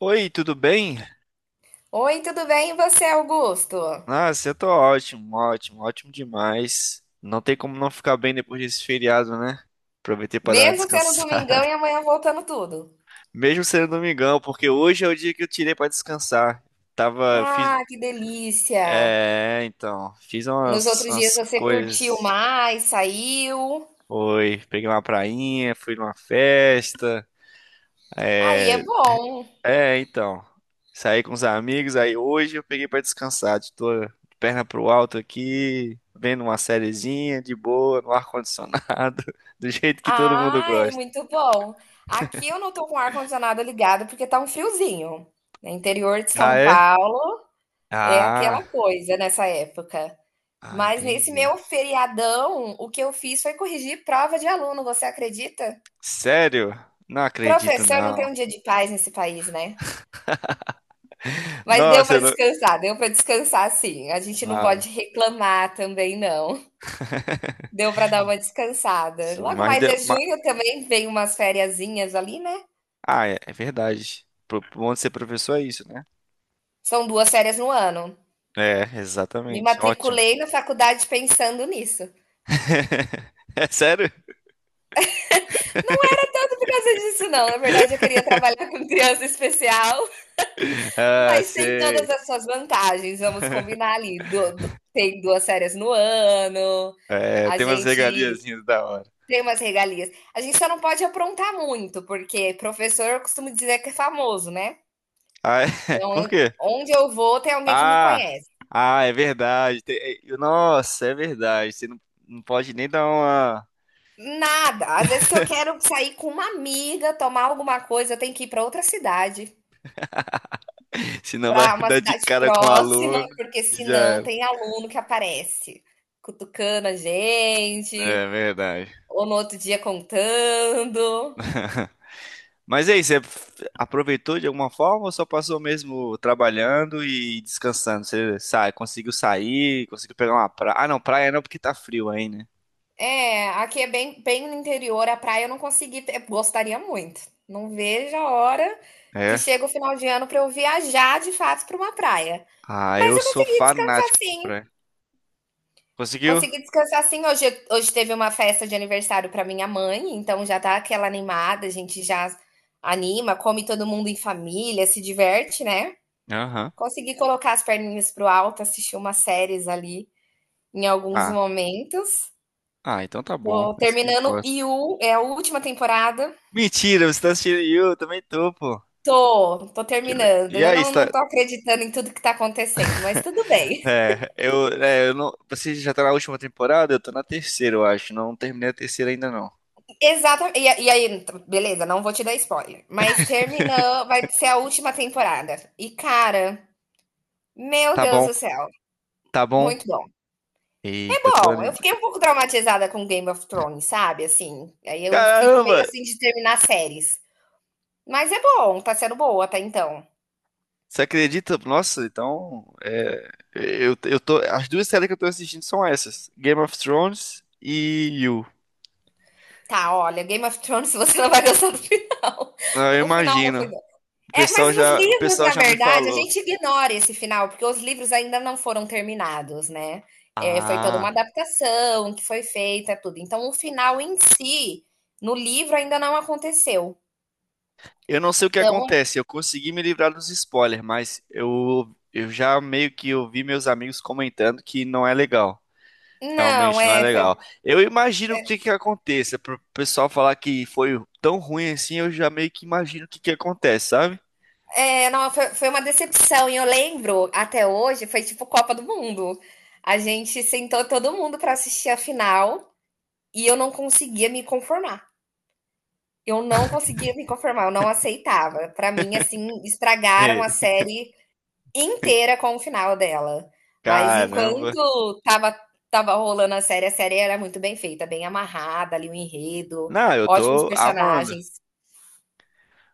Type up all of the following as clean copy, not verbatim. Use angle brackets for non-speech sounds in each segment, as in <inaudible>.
Oi, tudo bem? Oi, tudo bem? E você, Augusto? Nossa, eu tô ótimo, ótimo, ótimo demais. Não tem como não ficar bem depois desse feriado, né? Aproveitei pra dar uma Mesmo sendo descansada. domingão e amanhã voltando tudo. <laughs> Mesmo sendo domingão, porque hoje é o dia que eu tirei pra descansar. Tava, eu fiz, Ah, que delícia! Fiz Nos umas, outros dias umas você curtiu coisas. mais, saiu. Oi, peguei uma prainha, fui numa festa, Aí é é, bom. É, então. Saí com os amigos, aí hoje eu peguei pra descansar. Tô de perna pro alto aqui, vendo uma sériezinha de boa, no ar-condicionado, <laughs> do jeito que todo mundo Ah, é gosta. muito bom. Aqui eu não tô com o ar-condicionado ligado porque tá um friozinho. No interior de Ah, São é? Paulo é Ah, aquela coisa nessa época. ah, Mas nesse entendi. meu feriadão, o que eu fiz foi corrigir prova de aluno, você acredita? Sério? Não acredito, Professor não tem não. um dia de paz nesse país, né? Mas Nossa, eu não... deu para descansar sim. A gente não Ah, pode reclamar também não. Deu para dar uma descansada. sim, Logo mais é junho também, vem umas fériasinhas ali, né? Ah, é, é verdade. Pro- pro Bom de ser professor é isso, né? São 2 férias no ano. É, Me exatamente. Ótimo. matriculei na faculdade pensando nisso. <laughs> É sério? Não era tanto por causa disso não, na verdade eu queria trabalhar com criança especial, Ah, mas tem todas sei. as suas vantagens, vamos combinar ali. Du du Tem 2 férias no ano, É, a tem umas gente regaliazinhas da hora. tem umas regalias. A gente só não pode aprontar muito, porque professor eu costumo dizer que é famoso, né? Ah, é? <laughs> Então, Por quê? onde eu vou, tem alguém que me Ah, conhece. ah, é verdade. Nossa, é verdade. Você não, Não pode nem dar uma. Nada. Às vezes, se eu quero sair com uma amiga, tomar alguma coisa, eu tenho que ir para outra cidade, <laughs> Senão vai para uma dar de cidade cara com o próxima, aluno porque e já senão era. tem aluno que aparece cutucando a gente, É verdade. ou no outro dia contando. <laughs> Mas é isso, você aproveitou de alguma forma ou só passou mesmo trabalhando e descansando? Você sai, conseguiu sair, conseguiu pegar uma praia. Ah, não, praia não, porque tá frio aí, né? É, aqui é bem, bem no interior, a praia eu não consegui, gostaria muito. Não vejo a hora que É. chega o final de ano para eu viajar de fato para uma praia. Ah, Mas eu eu sou consegui descansar fanático por sim. praia. Conseguiu? Consegui descansar sim. Hoje teve uma festa de aniversário para minha mãe, então já tá aquela animada, a gente já anima, come todo mundo em família, se diverte, né? Aham. Consegui colocar as perninhas pro alto, assistir umas séries ali em alguns Ah. momentos. Ah, então tá bom. Tô Isso que terminando importa. You, é a última temporada. Mentira, você tá assistindo You? Eu também tô, pô. Tô terminando. E Eu aí, não, não está... tô acreditando em tudo que tá acontecendo, mas tudo bem. É, eu não... Você já tá na última temporada? Eu tô na terceira, eu acho. Não terminei a terceira ainda, não. <laughs> Exatamente. E aí, beleza, não vou te dar spoiler. Mas terminou, vai ser a última temporada. E, cara, meu Tá Deus bom, do céu, tá bom. muito bom. É Eita, eu tô bom, eu animado. fiquei um pouco traumatizada com Game of Thrones, sabe? Assim, aí eu fico meio Caramba! assim de terminar séries. Mas é bom, tá sendo boa até então. Você acredita? Nossa, então... As duas séries que eu tô assistindo são essas. Game of Thrones e You. Tá, olha, Game of Thrones, <laughs> você não vai gostar do final. <laughs> Ah, eu O final não imagino. foi. É, mas nos O livros, pessoal na já me verdade, a falou. gente ignora esse final, porque os livros ainda não foram terminados, né? É, foi toda uma Ah, adaptação que foi feita, tudo. Então, o final em si, no livro, ainda não aconteceu. eu não sei o que Então, acontece, eu consegui me livrar dos spoilers, mas eu já meio que ouvi meus amigos comentando que não é legal. não, Realmente não é é, foi, legal. Eu imagino o que que aconteça. Pro pessoal falar que foi tão ruim assim, eu já meio que imagino o que que acontece, sabe? é, não, foi uma decepção. E eu lembro, até hoje, foi tipo Copa do Mundo. A gente sentou todo mundo para assistir a final e eu não conseguia me conformar. Eu não conseguia me conformar, eu não aceitava. Para mim, assim, estragaram É, a série inteira com o final dela. Mas caramba. enquanto tava rolando a série era muito bem feita, bem amarrada ali o enredo, Não, eu ótimos tô amando. personagens.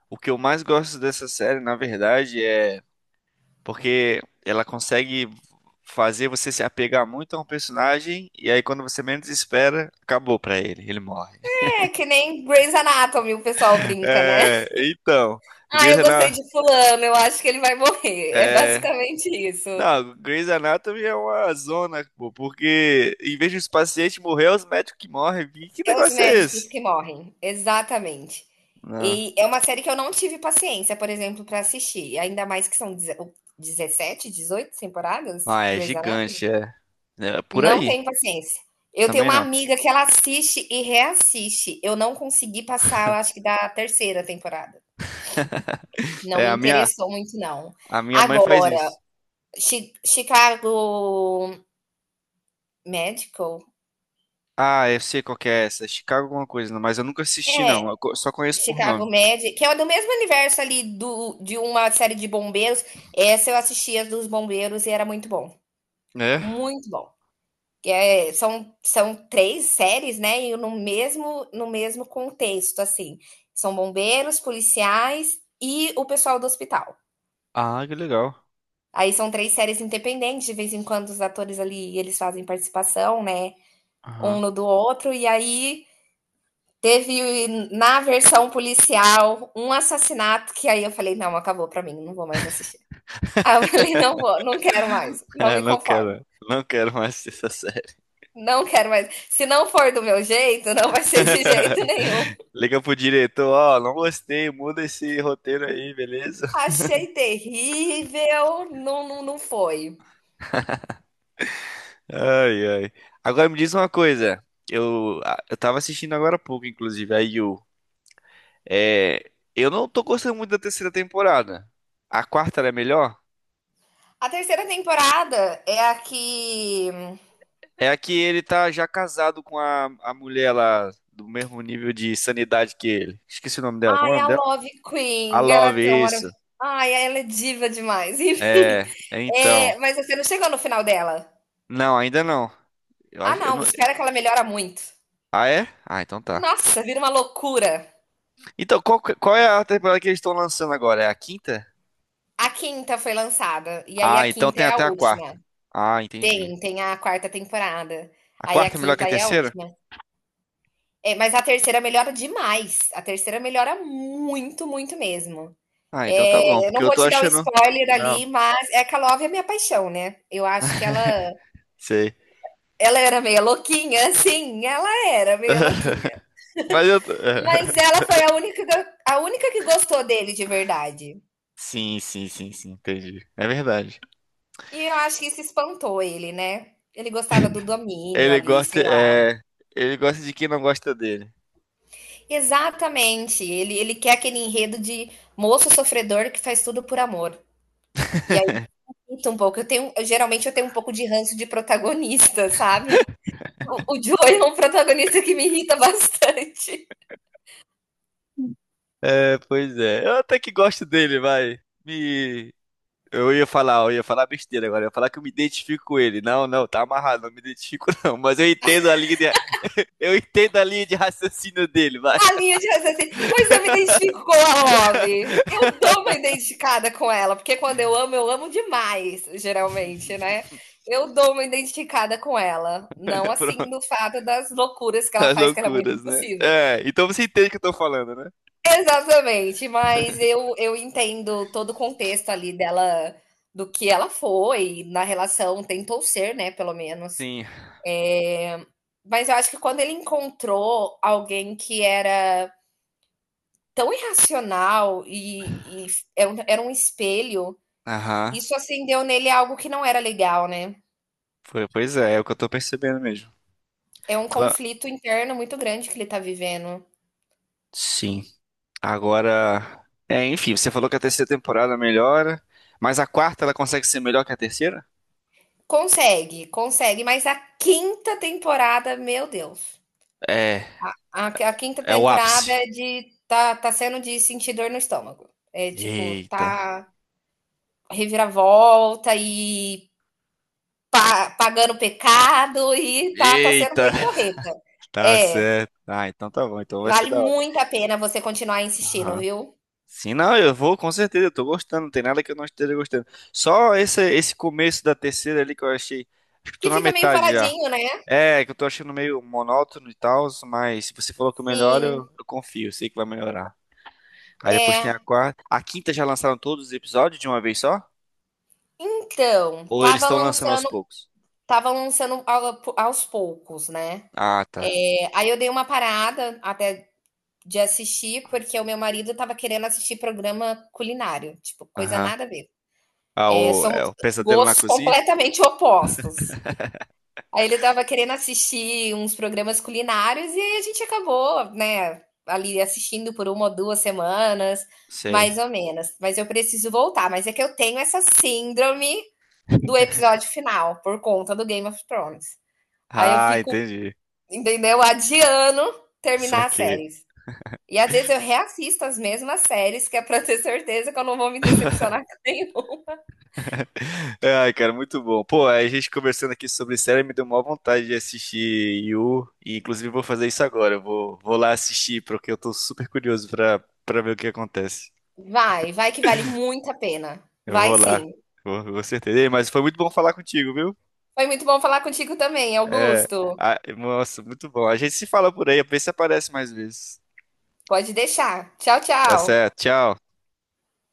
O que eu mais gosto dessa série, na verdade, é porque ela consegue fazer você se apegar muito a um personagem e aí quando você menos espera, acabou pra ele, ele morre. É que nem Grey's Anatomy, o pessoal brinca, né? É, <laughs> então, Ah, Grey's eu gostei Anatomy, de fulano, eu acho que ele vai morrer. É é, basicamente isso. não, Grey's Anatomy é uma zona, pô, porque em vez de os pacientes morrer, é os médicos que morrem. Que É os negócio é médicos esse? que morrem, exatamente. Não. E é uma série que eu não tive paciência, por exemplo, para assistir, ainda mais que são 17 18 temporadas Ah, é Grey's Anatomy. gigante, é. É por Não aí. tenho paciência. Eu tenho Também uma não. amiga que ela assiste e reassiste. Eu não consegui passar, eu acho que da terceira temporada. Não É, me a minha, interessou muito, não. a minha mãe faz Agora, isso. Chicago Medical? Ah, eu sei qual que é essa. É Chicago alguma coisa, não, mas eu nunca assisti, não. É, Só conheço por nome. Chicago Med, que é do mesmo universo ali do de uma série de bombeiros. Essa eu assistia dos bombeiros e era muito bom, É? muito bom. É, são três séries, né? E no mesmo contexto, assim. São bombeiros, policiais e o pessoal do hospital. Ah, que legal. Aí são três séries independentes, de vez em quando os atores ali, eles fazem participação, né? Aham. Um <laughs> no do outro, e aí teve na versão policial um assassinato que aí eu falei, não, acabou pra mim, não vou mais assistir. Aí eu falei, não vou, não quero mais, não É, me conformo, não quero mais <laughs> essa série. não quero mais. Se não for do meu jeito, não vai ser de jeito nenhum. Liga pro diretor, ó, não gostei, muda esse roteiro aí, beleza? Achei terrível. Não, não, não foi. Ai, ai. Agora me diz uma coisa. Eu tava assistindo agora há pouco, inclusive, a Yu. É, eu não tô gostando muito da terceira temporada. A quarta ela é melhor? A terceira temporada é a que. É a que ele tá já casado com a mulher lá, do mesmo nível de sanidade que ele. Esqueci o nome dela. Como é o Ai, nome a dela? Love A Queen. Ela é Love, tão. Isso. Ai, ela é diva demais. <laughs> Enfim. É, é então. É, mas você não chegou no final dela. Não, ainda não. Eu Ah, acho, eu não. não... Espera que ela melhora muito. Ah, é? Ah, então tá. Nossa, vira uma loucura. Então, qual é a temporada que eles estão lançando agora? É a quinta? A quinta foi lançada. E aí a Ah, então quinta tem é a até a última. quarta. Ah, entendi. Tem a quarta temporada. A Aí a quarta é melhor que a quinta é a terceira? última. É, mas a terceira melhora demais. A terceira melhora muito, muito mesmo. Ah, então tá bom, É, eu porque não eu vou tô te dar um achando. spoiler Não, ali, mas Eka Love é minha paixão, né? Eu acho que ela, sei. ela era meio louquinha, <laughs> sim, ela era meio <laughs> louquinha. Mas eu tô... Mas ela <laughs> foi a única que gostou dele de verdade. Sim, sim, sim, sim, entendi. É verdade. E eu acho que isso espantou ele, né? Ele gostava do domínio Ele ali, gosta, sei lá. é... Ele gosta de quem não gosta dele. Exatamente. Ele quer aquele enredo de moço sofredor que faz tudo por amor. E aí, sinto um pouco. Geralmente eu tenho um pouco de ranço de protagonista, <laughs> sabe? O Joey é um protagonista que me irrita bastante. É, pois é. Eu até que gosto dele, vai. Me... eu ia falar besteira agora. Eu ia falar que eu me identifico com ele. Não, não, tá amarrado, não me identifico <laughs> não. Mas eu entendo a linha, de... Eu entendo a linha de raciocínio dele, vai. A linha de raciocínio. Pois eu me identifico com a Love. Eu dou uma identificada com ela, porque quando eu amo demais, geralmente, né? <laughs> Eu dou uma identificada com ela. Não Pronto. assim do fato das loucuras que ela As faz, que ela é muito loucuras, né? impossível. É, então você entende o que eu tô falando, né? Exatamente, mas <laughs> eu entendo todo o contexto ali dela, do que ela foi, na relação, tentou ser, né, pelo menos. Sim. É, mas eu acho que quando ele encontrou alguém que era tão irracional e era um espelho, Aham. isso acendeu nele algo que não era legal, né? Pois é, é o que eu tô percebendo mesmo. É um Então, conflito interno muito grande que ele tá vivendo. sim. Agora. É, enfim, você falou que a terceira temporada melhora, mas a quarta ela consegue ser melhor que a terceira? Consegue, consegue, mas a quinta temporada, meu Deus. É, A quinta é o temporada ápice. é de. Tá sendo de sentir dor no estômago. É tipo, Eita. tá reviravolta e Pa pagando pecado e tá sendo Eita. bem correta. Tá É, certo. Ah, então tá bom, então vai ser vale da hora. muito a pena você continuar insistindo, Aham. viu. Sim, não, eu vou com certeza, eu tô gostando, não tem nada que eu não esteja gostando. Só esse começo da terceira ali que eu achei, acho que eu tô Que na fica meio metade já. paradinho, né. É, que eu tô achando meio monótono e tal, mas se você falou que melhora, Sim, eu confio, sei que vai melhorar. Aí depois tem é. a quarta. A quinta já lançaram todos os episódios de uma vez só? Então, Ou eles tava estão lançando aos lançando poucos? tava lançando ao aos poucos, né. Ah, tá. Aí eu dei uma parada até de assistir, porque o meu marido tava querendo assistir programa culinário, tipo, coisa Aham. nada a ver. Ah, É, o, é somos o pesadelo na gostos cozinha? completamente opostos. Aí ele estava querendo assistir uns programas culinários e aí a gente acabou, né, ali assistindo por uma ou 2 semanas, Sei. mais ou menos. Mas eu preciso voltar, mas é que eu tenho essa síndrome do <laughs> episódio final, por conta do Game of Thrones. Aí eu Ah, fico, entendi. entendeu? Adiando Só terminar as que séries. E às vezes eu reassisto as mesmas séries, que é pra ter certeza que eu não vou me decepcionar com nenhum. <laughs> ai, cara, muito bom. Pô, a gente conversando aqui sobre série me deu maior vontade de assistir Yu, e inclusive vou fazer isso agora. Vou lá assistir, porque eu tô super curioso pra ver o que acontece. Vai, vai que vale muito a pena. Eu Vai vou lá, sim. vou, com certeza. Ei, mas foi muito bom falar contigo, viu? Foi muito bom falar contigo também, É, Augusto. ah, nossa, muito bom. A gente se fala por aí, vê se aparece mais vezes. Pode deixar. Tchau, Tá tchau. certo, tchau.